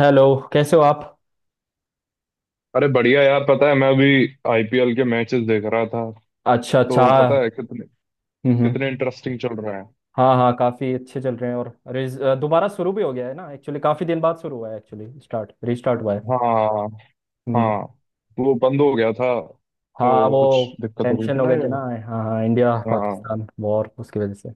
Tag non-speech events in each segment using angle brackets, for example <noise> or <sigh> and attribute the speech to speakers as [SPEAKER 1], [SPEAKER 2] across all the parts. [SPEAKER 1] Hello. कैसे हो आप?
[SPEAKER 2] अरे बढ़िया यार पता है मैं अभी आईपीएल के मैचेस देख रहा था।
[SPEAKER 1] अच्छा अच्छा,
[SPEAKER 2] तो
[SPEAKER 1] हाँ
[SPEAKER 2] पता है
[SPEAKER 1] हाँ।
[SPEAKER 2] कितने
[SPEAKER 1] हम्म, हम्म।
[SPEAKER 2] कितने इंटरेस्टिंग चल रहे हैं।
[SPEAKER 1] हाँ हाँ, काफ़ी अच्छे चल रहे हैं। और दोबारा शुरू भी हो गया है ना, एक्चुअली काफ़ी दिन बाद शुरू हुआ है, एक्चुअली स्टार्ट रीस्टार्ट हुआ है।
[SPEAKER 2] हाँ
[SPEAKER 1] हम्म।
[SPEAKER 2] हाँ। तो वो बंद हो गया था।
[SPEAKER 1] हाँ
[SPEAKER 2] वो
[SPEAKER 1] वो
[SPEAKER 2] कुछ दिक्कत हो गई
[SPEAKER 1] टेंशन
[SPEAKER 2] थी
[SPEAKER 1] हो
[SPEAKER 2] ना
[SPEAKER 1] गए थे ना।
[SPEAKER 2] ये।
[SPEAKER 1] हाँ हाँ, इंडिया
[SPEAKER 2] हाँ
[SPEAKER 1] पाकिस्तान वॉर, उसकी वजह से।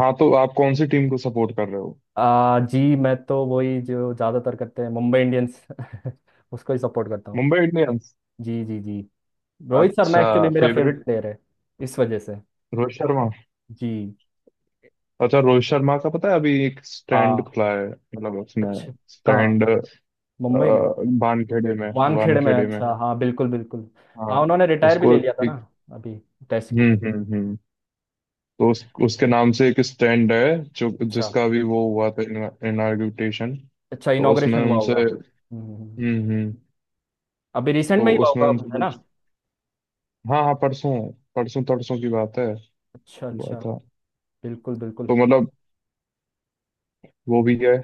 [SPEAKER 2] हाँ। तो आप कौन सी टीम को सपोर्ट कर रहे हो।
[SPEAKER 1] जी मैं तो वही जो ज़्यादातर करते हैं, मुंबई इंडियंस <laughs> उसको ही सपोर्ट करता हूँ।
[SPEAKER 2] मुंबई इंडियंस।
[SPEAKER 1] जी जी जी। रोहित शर्मा
[SPEAKER 2] अच्छा
[SPEAKER 1] एक्चुअली मेरा
[SPEAKER 2] फेवरेट
[SPEAKER 1] फेवरेट प्लेयर है, इस वजह से।
[SPEAKER 2] रोहित शर्मा।
[SPEAKER 1] जी।
[SPEAKER 2] अच्छा रोहित शर्मा का पता है अभी एक
[SPEAKER 1] आ।
[SPEAKER 2] स्टैंड खुला है मतलब उसमें
[SPEAKER 1] अच्छा। कहाँ?
[SPEAKER 2] स्टैंड
[SPEAKER 1] मुंबई में?
[SPEAKER 2] वानखेड़े में
[SPEAKER 1] वानखेड़े में?
[SPEAKER 2] वानखेड़े में।
[SPEAKER 1] अच्छा हाँ, बिल्कुल बिल्कुल।
[SPEAKER 2] हाँ
[SPEAKER 1] हाँ उन्होंने रिटायर भी
[SPEAKER 2] उसको
[SPEAKER 1] ले लिया था ना
[SPEAKER 2] एक।
[SPEAKER 1] अभी, टेस्ट क्रिकेट।
[SPEAKER 2] हम्म। तो उसके नाम से एक स्टैंड है जो
[SPEAKER 1] अच्छा
[SPEAKER 2] जिसका भी वो हुआ था। इनाग्रेशन।
[SPEAKER 1] अच्छा,
[SPEAKER 2] तो उसमें
[SPEAKER 1] इनॉग्रेशन हुआ
[SPEAKER 2] उनसे।
[SPEAKER 1] होगा। हम्म।
[SPEAKER 2] हम्म।
[SPEAKER 1] अभी रिसेंट
[SPEAKER 2] तो
[SPEAKER 1] में ही हुआ
[SPEAKER 2] उसमें
[SPEAKER 1] होगा
[SPEAKER 2] उनसे
[SPEAKER 1] है ना।
[SPEAKER 2] पूछ। हाँ हाँ परसों। परसों तरसों की बात है।
[SPEAKER 1] अच्छा
[SPEAKER 2] हुआ
[SPEAKER 1] अच्छा,
[SPEAKER 2] था।
[SPEAKER 1] बिल्कुल बिल्कुल।
[SPEAKER 2] तो मतलब वो भी है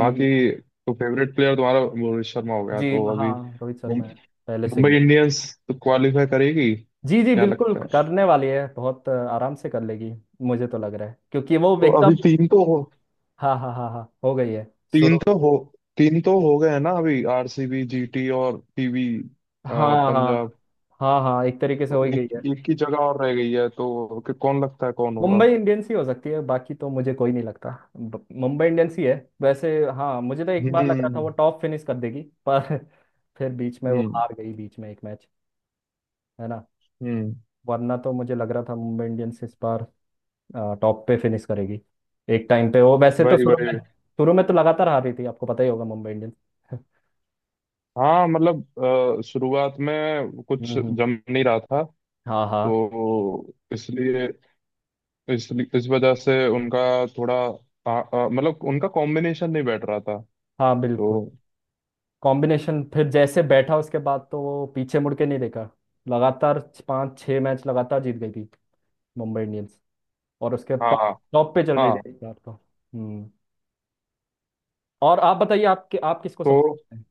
[SPEAKER 1] हम्म,
[SPEAKER 2] तो फेवरेट प्लेयर तुम्हारा रोहित शर्मा हो गया
[SPEAKER 1] जी।
[SPEAKER 2] तो अभी
[SPEAKER 1] हाँ रोहित
[SPEAKER 2] मुं-
[SPEAKER 1] शर्मा है, पहले से ही
[SPEAKER 2] मुंबई
[SPEAKER 1] है।
[SPEAKER 2] इंडियंस तो क्वालिफाई करेगी
[SPEAKER 1] जी जी,
[SPEAKER 2] क्या
[SPEAKER 1] बिल्कुल
[SPEAKER 2] लगता है।
[SPEAKER 1] करने वाली है, बहुत आराम से कर लेगी। मुझे तो लग रहा है क्योंकि वो
[SPEAKER 2] तो अभी
[SPEAKER 1] एकदम। हाँ हाँ हाँ हाँ, हो गई है,
[SPEAKER 2] तीन
[SPEAKER 1] शुरू।
[SPEAKER 2] तो हो तीन तो हो गए हैं ना अभी आरसीबी जीटी और पीवी
[SPEAKER 1] हाँ हाँ
[SPEAKER 2] पंजाब।
[SPEAKER 1] हाँ हाँ, एक तरीके से
[SPEAKER 2] तो
[SPEAKER 1] हो ही गई
[SPEAKER 2] एक
[SPEAKER 1] है।
[SPEAKER 2] एक की जगह और रह गई है तो कि कौन लगता है कौन होगा।
[SPEAKER 1] मुंबई इंडियंस ही हो सकती है, बाकी तो मुझे कोई नहीं लगता। मुंबई इंडियंस ही है वैसे। हाँ मुझे तो एक बार लग रहा था
[SPEAKER 2] हम्म
[SPEAKER 1] वो टॉप फिनिश कर देगी, पर <laughs> फिर बीच में वो
[SPEAKER 2] हम्म
[SPEAKER 1] हार गई, बीच में एक मैच, है ना।
[SPEAKER 2] हम्म।
[SPEAKER 1] वरना तो मुझे लग रहा था मुंबई इंडियंस इस बार टॉप पे फिनिश करेगी। एक टाइम पे वो, वैसे तो
[SPEAKER 2] वही
[SPEAKER 1] शुरू में
[SPEAKER 2] वही।
[SPEAKER 1] शुरू में तो लगातार हार रही थी, आपको पता ही होगा, मुंबई इंडियंस <laughs>
[SPEAKER 2] हाँ मतलब शुरुआत में कुछ
[SPEAKER 1] हम्म, हम्म।
[SPEAKER 2] जम नहीं रहा था।
[SPEAKER 1] हाँ हाँ।
[SPEAKER 2] तो इसलिए इस इस वजह से उनका थोड़ा मतलब उनका कॉम्बिनेशन नहीं बैठ रहा था।
[SPEAKER 1] हाँ बिल्कुल।
[SPEAKER 2] तो
[SPEAKER 1] कॉम्बिनेशन फिर जैसे बैठा, उसके बाद तो वो पीछे मुड़ के नहीं देखा, लगातार पांच छह मैच लगातार जीत गई थी मुंबई इंडियंस, और उसके
[SPEAKER 2] हाँ
[SPEAKER 1] टॉप,
[SPEAKER 2] हाँ
[SPEAKER 1] टॉप पे चल रही
[SPEAKER 2] हाँ।
[SPEAKER 1] थी इस बार तो। हम्म। और आप बताइए, आप आप किसको
[SPEAKER 2] तो
[SPEAKER 1] सपोर्ट करते हैं?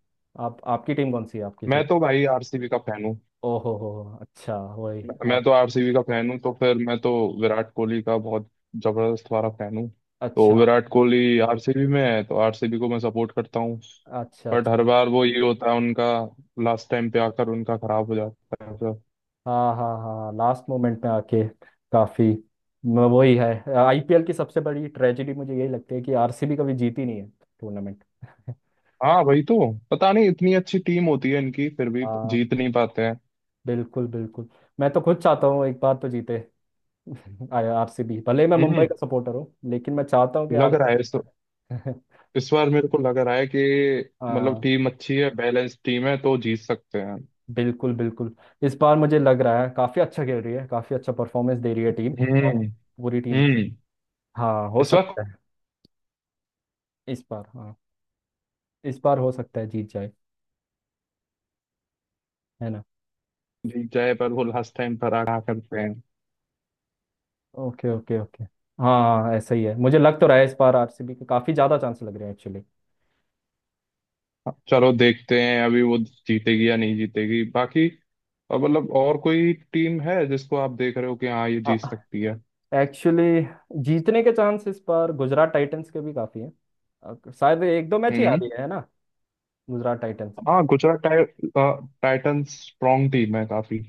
[SPEAKER 1] आप आपकी टीम कौन सी है आपकी फिर?
[SPEAKER 2] मैं तो भाई आरसीबी का फैन हूँ।
[SPEAKER 1] ओ हो, अच्छा वही।
[SPEAKER 2] मैं
[SPEAKER 1] आप।
[SPEAKER 2] तो आरसीबी का फैन हूँ तो फिर मैं तो विराट कोहली का बहुत जबरदस्त वाला फैन हूँ। तो
[SPEAKER 1] अच्छा
[SPEAKER 2] विराट कोहली आरसीबी में है तो आरसीबी को मैं सपोर्ट करता हूँ।
[SPEAKER 1] अच्छा
[SPEAKER 2] बट
[SPEAKER 1] अच्छा।
[SPEAKER 2] हर बार वो ये होता है उनका लास्ट टाइम पे आकर उनका खराब हो जाता है फिर।
[SPEAKER 1] हाँ हाँ हाँ, लास्ट मोमेंट में आके, काफी। वही है आईपीएल की सबसे बड़ी ट्रेजेडी, मुझे यही लगती है कि आरसीबी कभी जीती नहीं है टूर्नामेंट <laughs>
[SPEAKER 2] हाँ वही तो। पता नहीं इतनी अच्छी टीम होती है इनकी फिर भी
[SPEAKER 1] हाँ
[SPEAKER 2] जीत नहीं पाते हैं।
[SPEAKER 1] बिल्कुल बिल्कुल। मैं तो खुद चाहता हूँ एक बार तो जीते <laughs> आरसीबी, भले ही मैं
[SPEAKER 2] हम्म।
[SPEAKER 1] मुंबई का सपोर्टर हूँ, लेकिन मैं चाहता हूँ कि
[SPEAKER 2] लग रहा
[SPEAKER 1] आरसीबी
[SPEAKER 2] है
[SPEAKER 1] <laughs>
[SPEAKER 2] इस बार मेरे को लग रहा है कि मतलब
[SPEAKER 1] हाँ
[SPEAKER 2] टीम अच्छी है बैलेंस टीम है तो जीत सकते हैं।
[SPEAKER 1] बिल्कुल बिल्कुल। इस बार मुझे लग रहा है काफ़ी अच्छा खेल रही है, काफ़ी अच्छा परफॉर्मेंस दे रही है टीम, और
[SPEAKER 2] हम्म
[SPEAKER 1] पूरी टीम।
[SPEAKER 2] हम्म।
[SPEAKER 1] हाँ हो
[SPEAKER 2] इस बार
[SPEAKER 1] सकता है। इस बार हाँ, इस बार हो सकता है जीत जाए, है ना।
[SPEAKER 2] जीत जाए पर वो लास्ट टाइम पर आगा करते हैं।
[SPEAKER 1] Okay okay okay. हाँ हाँ ऐसा ही है, मुझे लग तो रहा है इस बार आरसीबी के काफ़ी ज़्यादा चांस लग रहे हैं एक्चुअली।
[SPEAKER 2] चलो देखते हैं अभी वो जीतेगी या नहीं जीतेगी बाकी। और मतलब और कोई टीम है जिसको आप देख रहे हो कि हाँ ये जीत सकती है।
[SPEAKER 1] एक्चुअली जीतने के चांस इस बार गुजरात टाइटंस के भी काफ़ी हैं। शायद एक दो मैच ही आ
[SPEAKER 2] हम्म।
[SPEAKER 1] रही है ना, गुजरात टाइटंस।
[SPEAKER 2] हाँ टाइटंस स्ट्रॉन्ग टीम है काफी।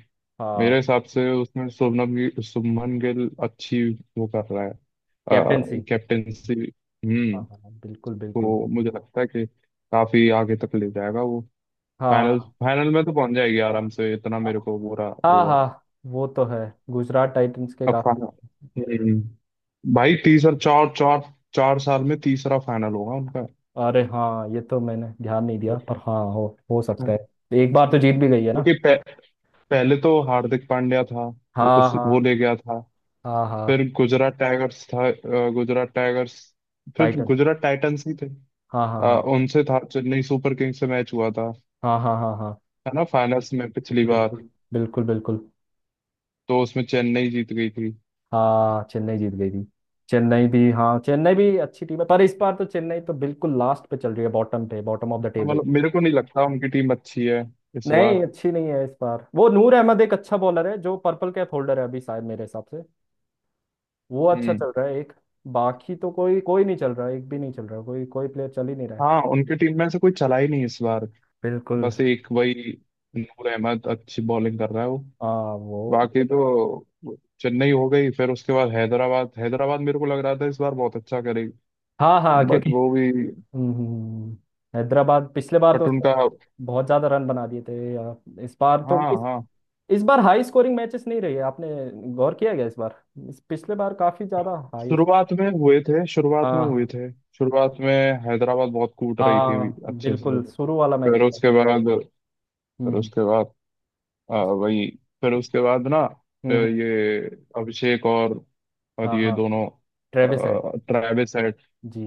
[SPEAKER 2] मेरे
[SPEAKER 1] हाँ।
[SPEAKER 2] हिसाब से उसमें शुभमन गिल अच्छी। वो कर रहा है
[SPEAKER 1] कैप्टेंसी।
[SPEAKER 2] कैप्टेंसी।
[SPEAKER 1] हाँ
[SPEAKER 2] हम्म।
[SPEAKER 1] हाँ हाँ, बिल्कुल बिल्कुल।
[SPEAKER 2] तो मुझे लगता है कि काफी आगे तक ले जाएगा वो।
[SPEAKER 1] हाँ
[SPEAKER 2] फाइनल
[SPEAKER 1] हाँ।
[SPEAKER 2] फाइनल में तो पहुंच जाएगी आराम से इतना
[SPEAKER 1] हाँ।
[SPEAKER 2] मेरे को बुरा
[SPEAKER 1] हाँ
[SPEAKER 2] वो है।
[SPEAKER 1] हाँ वो तो है, गुजरात टाइटंस के
[SPEAKER 2] अब
[SPEAKER 1] काफी।
[SPEAKER 2] फाइनल। भाई तीसरा चार चार 4 साल में तीसरा फाइनल होगा उनका।
[SPEAKER 1] अरे हाँ ये तो मैंने ध्यान नहीं दिया, पर हाँ हो सकता
[SPEAKER 2] हाँ।
[SPEAKER 1] है। एक बार तो जीत भी गई है ना।
[SPEAKER 2] क्योंकि पहले तो हार्दिक पांड्या था तो
[SPEAKER 1] हाँ
[SPEAKER 2] उस वो
[SPEAKER 1] हाँ
[SPEAKER 2] ले गया था।
[SPEAKER 1] हाँ हाँ।
[SPEAKER 2] फिर गुजरात टाइगर्स था अ, गुजरात टाइगर्स फिर
[SPEAKER 1] टाइटंस।
[SPEAKER 2] गुजरात टाइटंस ही थे।
[SPEAKER 1] हाँ हाँ
[SPEAKER 2] अ,
[SPEAKER 1] हाँ
[SPEAKER 2] उनसे था चेन्नई सुपर किंग्स से मैच हुआ था।
[SPEAKER 1] हाँ हाँ हाँ हाँ।
[SPEAKER 2] है ना फाइनल्स में पिछली बार।
[SPEAKER 1] बिल्कुल बिल्कुल बिल्कुल।
[SPEAKER 2] तो उसमें चेन्नई जीत गई थी।
[SPEAKER 1] हाँ चेन्नई जीत गई थी। चेन्नई भी हाँ, चेन्नई भी अच्छी टीम है, पर इस बार तो चेन्नई तो बिल्कुल लास्ट पे चल रही है, बॉटम पे, बॉटम ऑफ द
[SPEAKER 2] हाँ,
[SPEAKER 1] टेबल।
[SPEAKER 2] मतलब मेरे को नहीं लगता उनकी टीम अच्छी है इस बार।
[SPEAKER 1] नहीं अच्छी नहीं है इस बार वो। नूर अहमद एक अच्छा बॉलर है जो पर्पल कैप होल्डर है अभी शायद, मेरे हिसाब से वो अच्छा
[SPEAKER 2] हम्म।
[SPEAKER 1] चल रहा है, एक। बाकी तो कोई कोई नहीं चल रहा, एक भी नहीं चल रहा, कोई कोई प्लेयर चल ही नहीं रहा है।
[SPEAKER 2] हाँ उनकी टीम में से कोई चला ही नहीं इस बार।
[SPEAKER 1] बिल्कुल।
[SPEAKER 2] बस एक वही नूर अहमद अच्छी बॉलिंग कर रहा है वो।
[SPEAKER 1] हाँ वो।
[SPEAKER 2] बाकी तो चेन्नई हो गई फिर उसके बाद हैदराबाद हैदराबाद मेरे को लग रहा था इस बार बहुत अच्छा करेगी।
[SPEAKER 1] हाँ हाँ
[SPEAKER 2] बट
[SPEAKER 1] क्योंकि,
[SPEAKER 2] वो भी
[SPEAKER 1] हम्म, हम्म, हम्म, हैदराबाद पिछले बार तो
[SPEAKER 2] बट
[SPEAKER 1] उसने
[SPEAKER 2] उनका।
[SPEAKER 1] बहुत ज्यादा रन बना दिए थे या। इस बार तो
[SPEAKER 2] हाँ
[SPEAKER 1] इस,
[SPEAKER 2] हाँ
[SPEAKER 1] इस बार हाई स्कोरिंग मैचेस नहीं रही है, आपने गौर किया गया इस बार, इस पिछले बार काफी ज्यादा हाई।
[SPEAKER 2] शुरुआत में हुए थे शुरुआत में
[SPEAKER 1] हाँ
[SPEAKER 2] हुए
[SPEAKER 1] हाँ।
[SPEAKER 2] थे शुरुआत में हैदराबाद बहुत कूट रही थी अभी
[SPEAKER 1] हाँ
[SPEAKER 2] अच्छे से।
[SPEAKER 1] बिल्कुल, शुरू वाला मैच
[SPEAKER 2] फिर
[SPEAKER 1] था।
[SPEAKER 2] उसके बाद
[SPEAKER 1] हम्म,
[SPEAKER 2] फिर
[SPEAKER 1] हम्म,
[SPEAKER 2] उसके बाद वही फिर उसके बाद ना
[SPEAKER 1] हम्म।
[SPEAKER 2] ये अभिषेक और
[SPEAKER 1] हाँ
[SPEAKER 2] ये
[SPEAKER 1] हाँ,
[SPEAKER 2] दोनों
[SPEAKER 1] ट्रेविस हेड।
[SPEAKER 2] ट्रेविस। हाँ
[SPEAKER 1] जी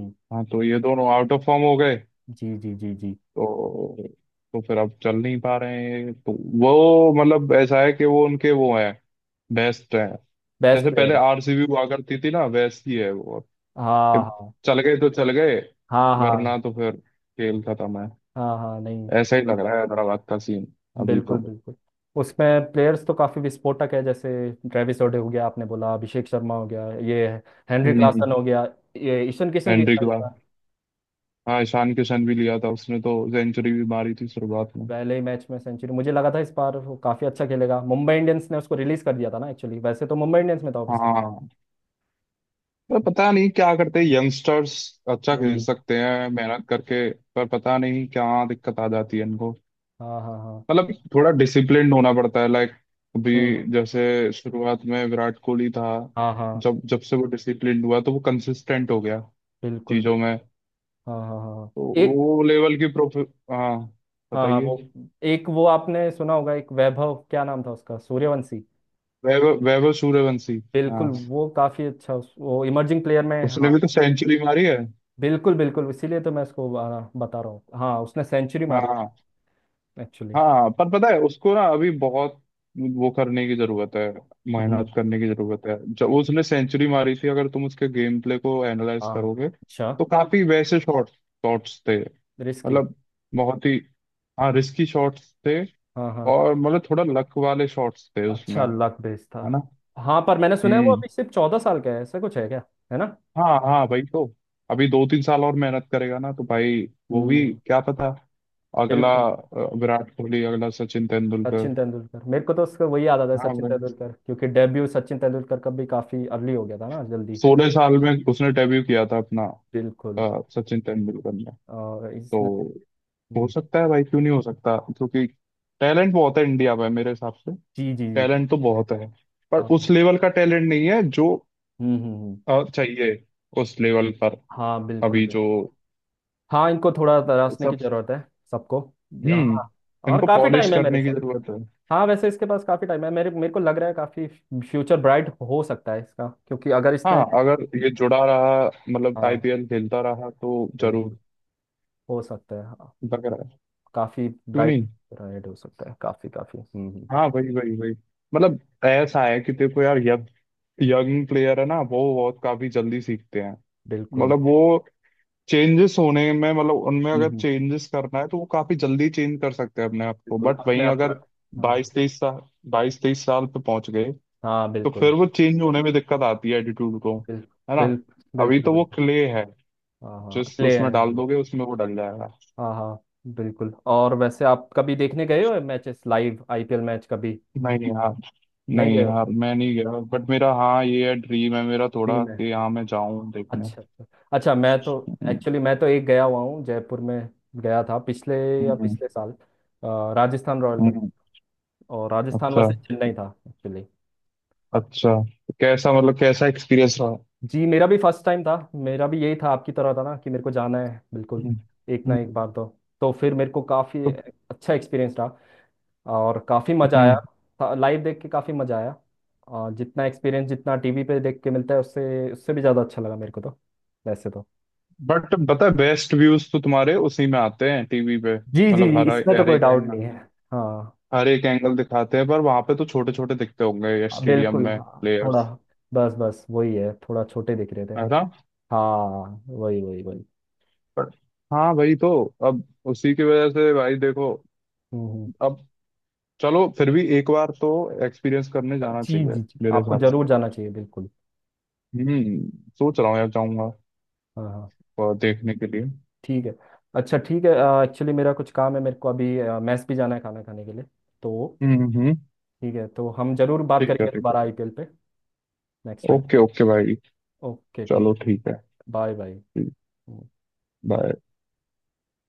[SPEAKER 2] तो ये दोनों आउट ऑफ फॉर्म हो गए।
[SPEAKER 1] जी जी जी। जी
[SPEAKER 2] तो तो फिर अब चल नहीं पा रहे हैं तो। वो मतलब ऐसा है कि वो उनके वो हैं बेस्ट हैं।
[SPEAKER 1] बेस्ट
[SPEAKER 2] जैसे पहले
[SPEAKER 1] प्लेयर है।
[SPEAKER 2] आरसीबी हुआ करती थी ना वैसी है वो।
[SPEAKER 1] हाँ
[SPEAKER 2] कि
[SPEAKER 1] हाँ
[SPEAKER 2] चल गए तो चल गए।
[SPEAKER 1] हाँ
[SPEAKER 2] वरना
[SPEAKER 1] हाँ।
[SPEAKER 2] तो फिर खेल खत्म है।
[SPEAKER 1] हाँ हाँ नहीं,
[SPEAKER 2] ऐसा ही लग रहा है हैदराबाद का सीन अभी
[SPEAKER 1] बिल्कुल
[SPEAKER 2] तो।
[SPEAKER 1] बिल्कुल। उसमें प्लेयर्स तो काफी विस्फोटक है, जैसे ट्रेविस ओडे हो गया, आपने बोला, अभिषेक शर्मा हो गया, ये हेनरी
[SPEAKER 2] हम्म।
[SPEAKER 1] क्लासन हो गया, ये ईशन किशन लिया
[SPEAKER 2] हेनरी
[SPEAKER 1] था
[SPEAKER 2] के
[SPEAKER 1] इस
[SPEAKER 2] बाद।
[SPEAKER 1] बार।
[SPEAKER 2] हाँ ईशान किशन भी लिया था उसने तो सेंचुरी भी मारी थी शुरुआत में।
[SPEAKER 1] पहले ही मैच में सेंचुरी, मुझे लगा था इस बार वो काफी अच्छा खेलेगा। मुंबई इंडियंस ने उसको रिलीज कर दिया था ना एक्चुअली, वैसे तो मुंबई इंडियंस में था वो पिछले।
[SPEAKER 2] हाँ पर पता नहीं क्या करते यंगस्टर्स अच्छा खेल
[SPEAKER 1] हम्म,
[SPEAKER 2] सकते हैं मेहनत करके। पर पता नहीं क्या दिक्कत आ जाती है इनको
[SPEAKER 1] हाँ हाँ हाँ।
[SPEAKER 2] मतलब थोड़ा डिसिप्लिन्ड होना पड़ता है लाइक अभी
[SPEAKER 1] हम्म, हम्म।
[SPEAKER 2] जैसे शुरुआत में विराट कोहली था।
[SPEAKER 1] हाँ हाँ,
[SPEAKER 2] जब जब से वो डिसिप्लिन्ड हुआ तो वो कंसिस्टेंट हो गया
[SPEAKER 1] बिल्कुल
[SPEAKER 2] चीजों
[SPEAKER 1] बिल्कुल।
[SPEAKER 2] में।
[SPEAKER 1] हाँ हाँ हाँ हाँ।
[SPEAKER 2] तो
[SPEAKER 1] एक।
[SPEAKER 2] वो लेवल की प्रोफे। हाँ
[SPEAKER 1] हाँ हाँ
[SPEAKER 2] बताइए।
[SPEAKER 1] वो। एक वो आपने सुना होगा, एक वैभव, क्या नाम था उसका, सूर्यवंशी।
[SPEAKER 2] वैभव वैभव सूर्यवंशी।
[SPEAKER 1] बिल्कुल
[SPEAKER 2] हाँ
[SPEAKER 1] वो काफी अच्छा, वो इमर्जिंग प्लेयर में
[SPEAKER 2] उसने
[SPEAKER 1] हाँ।
[SPEAKER 2] भी तो सेंचुरी मारी है।
[SPEAKER 1] बिल्कुल बिल्कुल, इसीलिए तो मैं इसको बता रहा हूँ, हाँ उसने सेंचुरी मारी
[SPEAKER 2] हाँ
[SPEAKER 1] है एक्चुअली।
[SPEAKER 2] हाँ पर पता है उसको ना अभी बहुत वो करने की जरूरत है
[SPEAKER 1] हम्म।
[SPEAKER 2] मेहनत करने की जरूरत है। जब उसने सेंचुरी मारी थी अगर तुम उसके गेम प्ले को एनालाइज
[SPEAKER 1] हाँ।
[SPEAKER 2] करोगे
[SPEAKER 1] अच्छा।
[SPEAKER 2] तो काफी वैसे शॉट शॉट्स थे
[SPEAKER 1] रिस्की।
[SPEAKER 2] मतलब बहुत ही। हाँ रिस्की शॉट्स थे
[SPEAKER 1] हाँ हाँ।
[SPEAKER 2] और मतलब थोड़ा लक वाले शॉट्स थे उसमें
[SPEAKER 1] अच्छा
[SPEAKER 2] है
[SPEAKER 1] लक बेस था।
[SPEAKER 2] ना।
[SPEAKER 1] हाँ पर मैंने सुना है वो
[SPEAKER 2] हम्म।
[SPEAKER 1] अभी सिर्फ 14 साल का है, ऐसा कुछ है क्या, है ना?
[SPEAKER 2] हाँ हाँ भाई तो अभी 2-3 साल और मेहनत करेगा ना तो भाई वो भी
[SPEAKER 1] हम्म।
[SPEAKER 2] क्या पता अगला
[SPEAKER 1] बिल्कुल।
[SPEAKER 2] विराट कोहली अगला सचिन तेंदुलकर।
[SPEAKER 1] सचिन तेंदुलकर, मेरे को तो उसका वही याद आता है,
[SPEAKER 2] हाँ
[SPEAKER 1] सचिन
[SPEAKER 2] भाई
[SPEAKER 1] तेंदुलकर, क्योंकि डेब्यू सचिन तेंदुलकर का भी काफी अर्ली हो गया था ना, जल्दी।
[SPEAKER 2] 16 साल में उसने डेब्यू किया था अपना
[SPEAKER 1] बिल्कुल।
[SPEAKER 2] सचिन तेंदुलकर ने।
[SPEAKER 1] और
[SPEAKER 2] तो
[SPEAKER 1] इसने।
[SPEAKER 2] हो
[SPEAKER 1] हम्म,
[SPEAKER 2] सकता है भाई क्यों नहीं हो सकता क्योंकि टैलेंट बहुत है इंडिया में मेरे हिसाब से।
[SPEAKER 1] जी जी जी।
[SPEAKER 2] टैलेंट तो बहुत है पर
[SPEAKER 1] हाँ। हम्म,
[SPEAKER 2] उस लेवल का टैलेंट नहीं है जो
[SPEAKER 1] हम्म,
[SPEAKER 2] चाहिए उस लेवल पर।
[SPEAKER 1] हाँ बिल्कुल
[SPEAKER 2] अभी जो
[SPEAKER 1] बिल्कुल। हाँ इनको थोड़ा तराशने की
[SPEAKER 2] सब।
[SPEAKER 1] जरूरत है, सबको।
[SPEAKER 2] हम्म।
[SPEAKER 1] हाँ। और
[SPEAKER 2] इनको
[SPEAKER 1] काफी
[SPEAKER 2] पॉलिश
[SPEAKER 1] टाइम है मेरे
[SPEAKER 2] करने की
[SPEAKER 1] साथ।
[SPEAKER 2] जरूरत है।
[SPEAKER 1] हाँ वैसे इसके पास काफी टाइम है, मेरे मेरे को लग रहा है काफी फ्यूचर ब्राइट हो सकता है इसका, क्योंकि अगर
[SPEAKER 2] हाँ
[SPEAKER 1] इसने।
[SPEAKER 2] अगर ये जुड़ा रहा मतलब
[SPEAKER 1] हाँ
[SPEAKER 2] आईपीएल खेलता रहा तो
[SPEAKER 1] बिल्कुल।
[SPEAKER 2] जरूर।
[SPEAKER 1] हो सकता है हाँ,
[SPEAKER 2] लग रहा है
[SPEAKER 1] काफी
[SPEAKER 2] क्यों
[SPEAKER 1] ब्राइट,
[SPEAKER 2] नहीं।
[SPEAKER 1] ब्राइट हो सकता है, काफी काफी। हम्म, हम्म।
[SPEAKER 2] हाँ वही वही वही। मतलब ऐसा है कि देखो यार यंग यंग प्लेयर है ना वो बहुत काफी जल्दी सीखते हैं।
[SPEAKER 1] बिल्कुल।
[SPEAKER 2] मतलब वो चेंजेस होने में मतलब उनमें
[SPEAKER 1] हम्म,
[SPEAKER 2] अगर
[SPEAKER 1] हम्म।
[SPEAKER 2] चेंजेस करना है तो वो काफी जल्दी चेंज कर सकते हैं अपने आप को।
[SPEAKER 1] बिल्कुल
[SPEAKER 2] बट
[SPEAKER 1] अपने
[SPEAKER 2] वहीं
[SPEAKER 1] आप का।
[SPEAKER 2] अगर
[SPEAKER 1] हाँ
[SPEAKER 2] बाईस तेईस साल बाईस तेईस साल पे पहुंच गए
[SPEAKER 1] हाँ।
[SPEAKER 2] तो
[SPEAKER 1] बिल्कुल
[SPEAKER 2] फिर वो चेंज होने में दिक्कत आती है एटीट्यूड को
[SPEAKER 1] बिल्कुल
[SPEAKER 2] है ना।
[SPEAKER 1] बिल्कुल।
[SPEAKER 2] अभी
[SPEAKER 1] बिल्कुल।
[SPEAKER 2] तो वो
[SPEAKER 1] बिल्कुल।
[SPEAKER 2] क्ले है
[SPEAKER 1] हाँ हाँ
[SPEAKER 2] जिस
[SPEAKER 1] अगले
[SPEAKER 2] उसमें डाल
[SPEAKER 1] हैं।
[SPEAKER 2] दोगे उसमें वो डल जाएगा।
[SPEAKER 1] हाँ हाँ बिल्कुल। और वैसे आप कभी देखने गए हो मैचेस, लाइव आईपीएल मैच कभी?
[SPEAKER 2] नहीं
[SPEAKER 1] नहीं
[SPEAKER 2] नहीं
[SPEAKER 1] गए हो,
[SPEAKER 2] यार मैं नहीं गया बट मेरा हाँ ये है ड्रीम है मेरा
[SPEAKER 1] फ्री
[SPEAKER 2] थोड़ा
[SPEAKER 1] में?
[SPEAKER 2] कि हाँ मैं जाऊं देखने।
[SPEAKER 1] अच्छा अच्छा। अच्छा मैं तो
[SPEAKER 2] हम्म
[SPEAKER 1] एक्चुअली, मैं तो एक गया हुआ हूँ जयपुर में, गया था पिछले या
[SPEAKER 2] हम्म,
[SPEAKER 1] पिछले साल। राजस्थान रॉयल का मैच,
[SPEAKER 2] हम्म।
[SPEAKER 1] और राजस्थान
[SPEAKER 2] अच्छा
[SPEAKER 1] वर्सेस चेन्नई था एक्चुअली।
[SPEAKER 2] अच्छा। कैसा मतलब कैसा एक्सपीरियंस रहा।
[SPEAKER 1] जी मेरा भी फर्स्ट टाइम था, मेरा भी यही था आपकी तरह था ना कि मेरे को जाना है, बिल्कुल
[SPEAKER 2] हम्म,
[SPEAKER 1] एक ना एक
[SPEAKER 2] हम्म,
[SPEAKER 1] बार तो। तो फिर मेरे को काफ़ी
[SPEAKER 2] तो
[SPEAKER 1] अच्छा एक्सपीरियंस रहा, और काफ़ी मज़ा
[SPEAKER 2] हम्म।
[SPEAKER 1] आया, लाइव देख के काफ़ी मज़ा आया। जितना एक्सपीरियंस जितना टीवी पे देख के मिलता है, उससे उससे भी ज़्यादा अच्छा लगा मेरे को तो, वैसे तो।
[SPEAKER 2] बट पता है बेस्ट व्यूज तो तुम्हारे उसी में आते हैं टीवी पे
[SPEAKER 1] जी जी
[SPEAKER 2] मतलब
[SPEAKER 1] जी,
[SPEAKER 2] हर
[SPEAKER 1] इसमें तो
[SPEAKER 2] हर
[SPEAKER 1] कोई
[SPEAKER 2] एक
[SPEAKER 1] डाउट
[SPEAKER 2] एंगल
[SPEAKER 1] नहीं है। हाँ,
[SPEAKER 2] हर एक एंगल दिखाते हैं। पर वहां पे तो छोटे छोटे दिखते होंगे
[SPEAKER 1] हाँ,
[SPEAKER 2] स्टेडियम
[SPEAKER 1] बिल्कुल
[SPEAKER 2] में
[SPEAKER 1] हाँ, थोड़ा
[SPEAKER 2] प्लेयर्स
[SPEAKER 1] बस बस वही है, थोड़ा छोटे दिख रहे थे।
[SPEAKER 2] है ना।
[SPEAKER 1] हाँ। वही वही वही।
[SPEAKER 2] पर- हाँ भाई तो अब उसी की वजह से भाई देखो
[SPEAKER 1] हम्म।
[SPEAKER 2] अब चलो फिर भी एक बार तो एक्सपीरियंस करने
[SPEAKER 1] हम्म।
[SPEAKER 2] जाना
[SPEAKER 1] जी
[SPEAKER 2] चाहिए
[SPEAKER 1] जी जी,
[SPEAKER 2] मेरे
[SPEAKER 1] आपको
[SPEAKER 2] हिसाब
[SPEAKER 1] जरूर
[SPEAKER 2] से।
[SPEAKER 1] जाना चाहिए बिल्कुल।
[SPEAKER 2] हम्म। सोच रहा हूँ यार जाऊंगा
[SPEAKER 1] हाँ हाँ।
[SPEAKER 2] और देखने के लिए।
[SPEAKER 1] ठीक है, अच्छा ठीक है। एक्चुअली मेरा कुछ काम है, मेरे को अभी मैस भी जाना है खाना खाने के लिए, तो
[SPEAKER 2] हम्म।
[SPEAKER 1] ठीक है, तो हम जरूर बात
[SPEAKER 2] ठीक है
[SPEAKER 1] करेंगे
[SPEAKER 2] ठीक है।
[SPEAKER 1] दोबारा आईपीएल पे नेक्स्ट टाइम।
[SPEAKER 2] ओके ओके भाई।
[SPEAKER 1] ओके ठीक।
[SPEAKER 2] चलो ठीक है।
[SPEAKER 1] Bye bye.
[SPEAKER 2] बाय।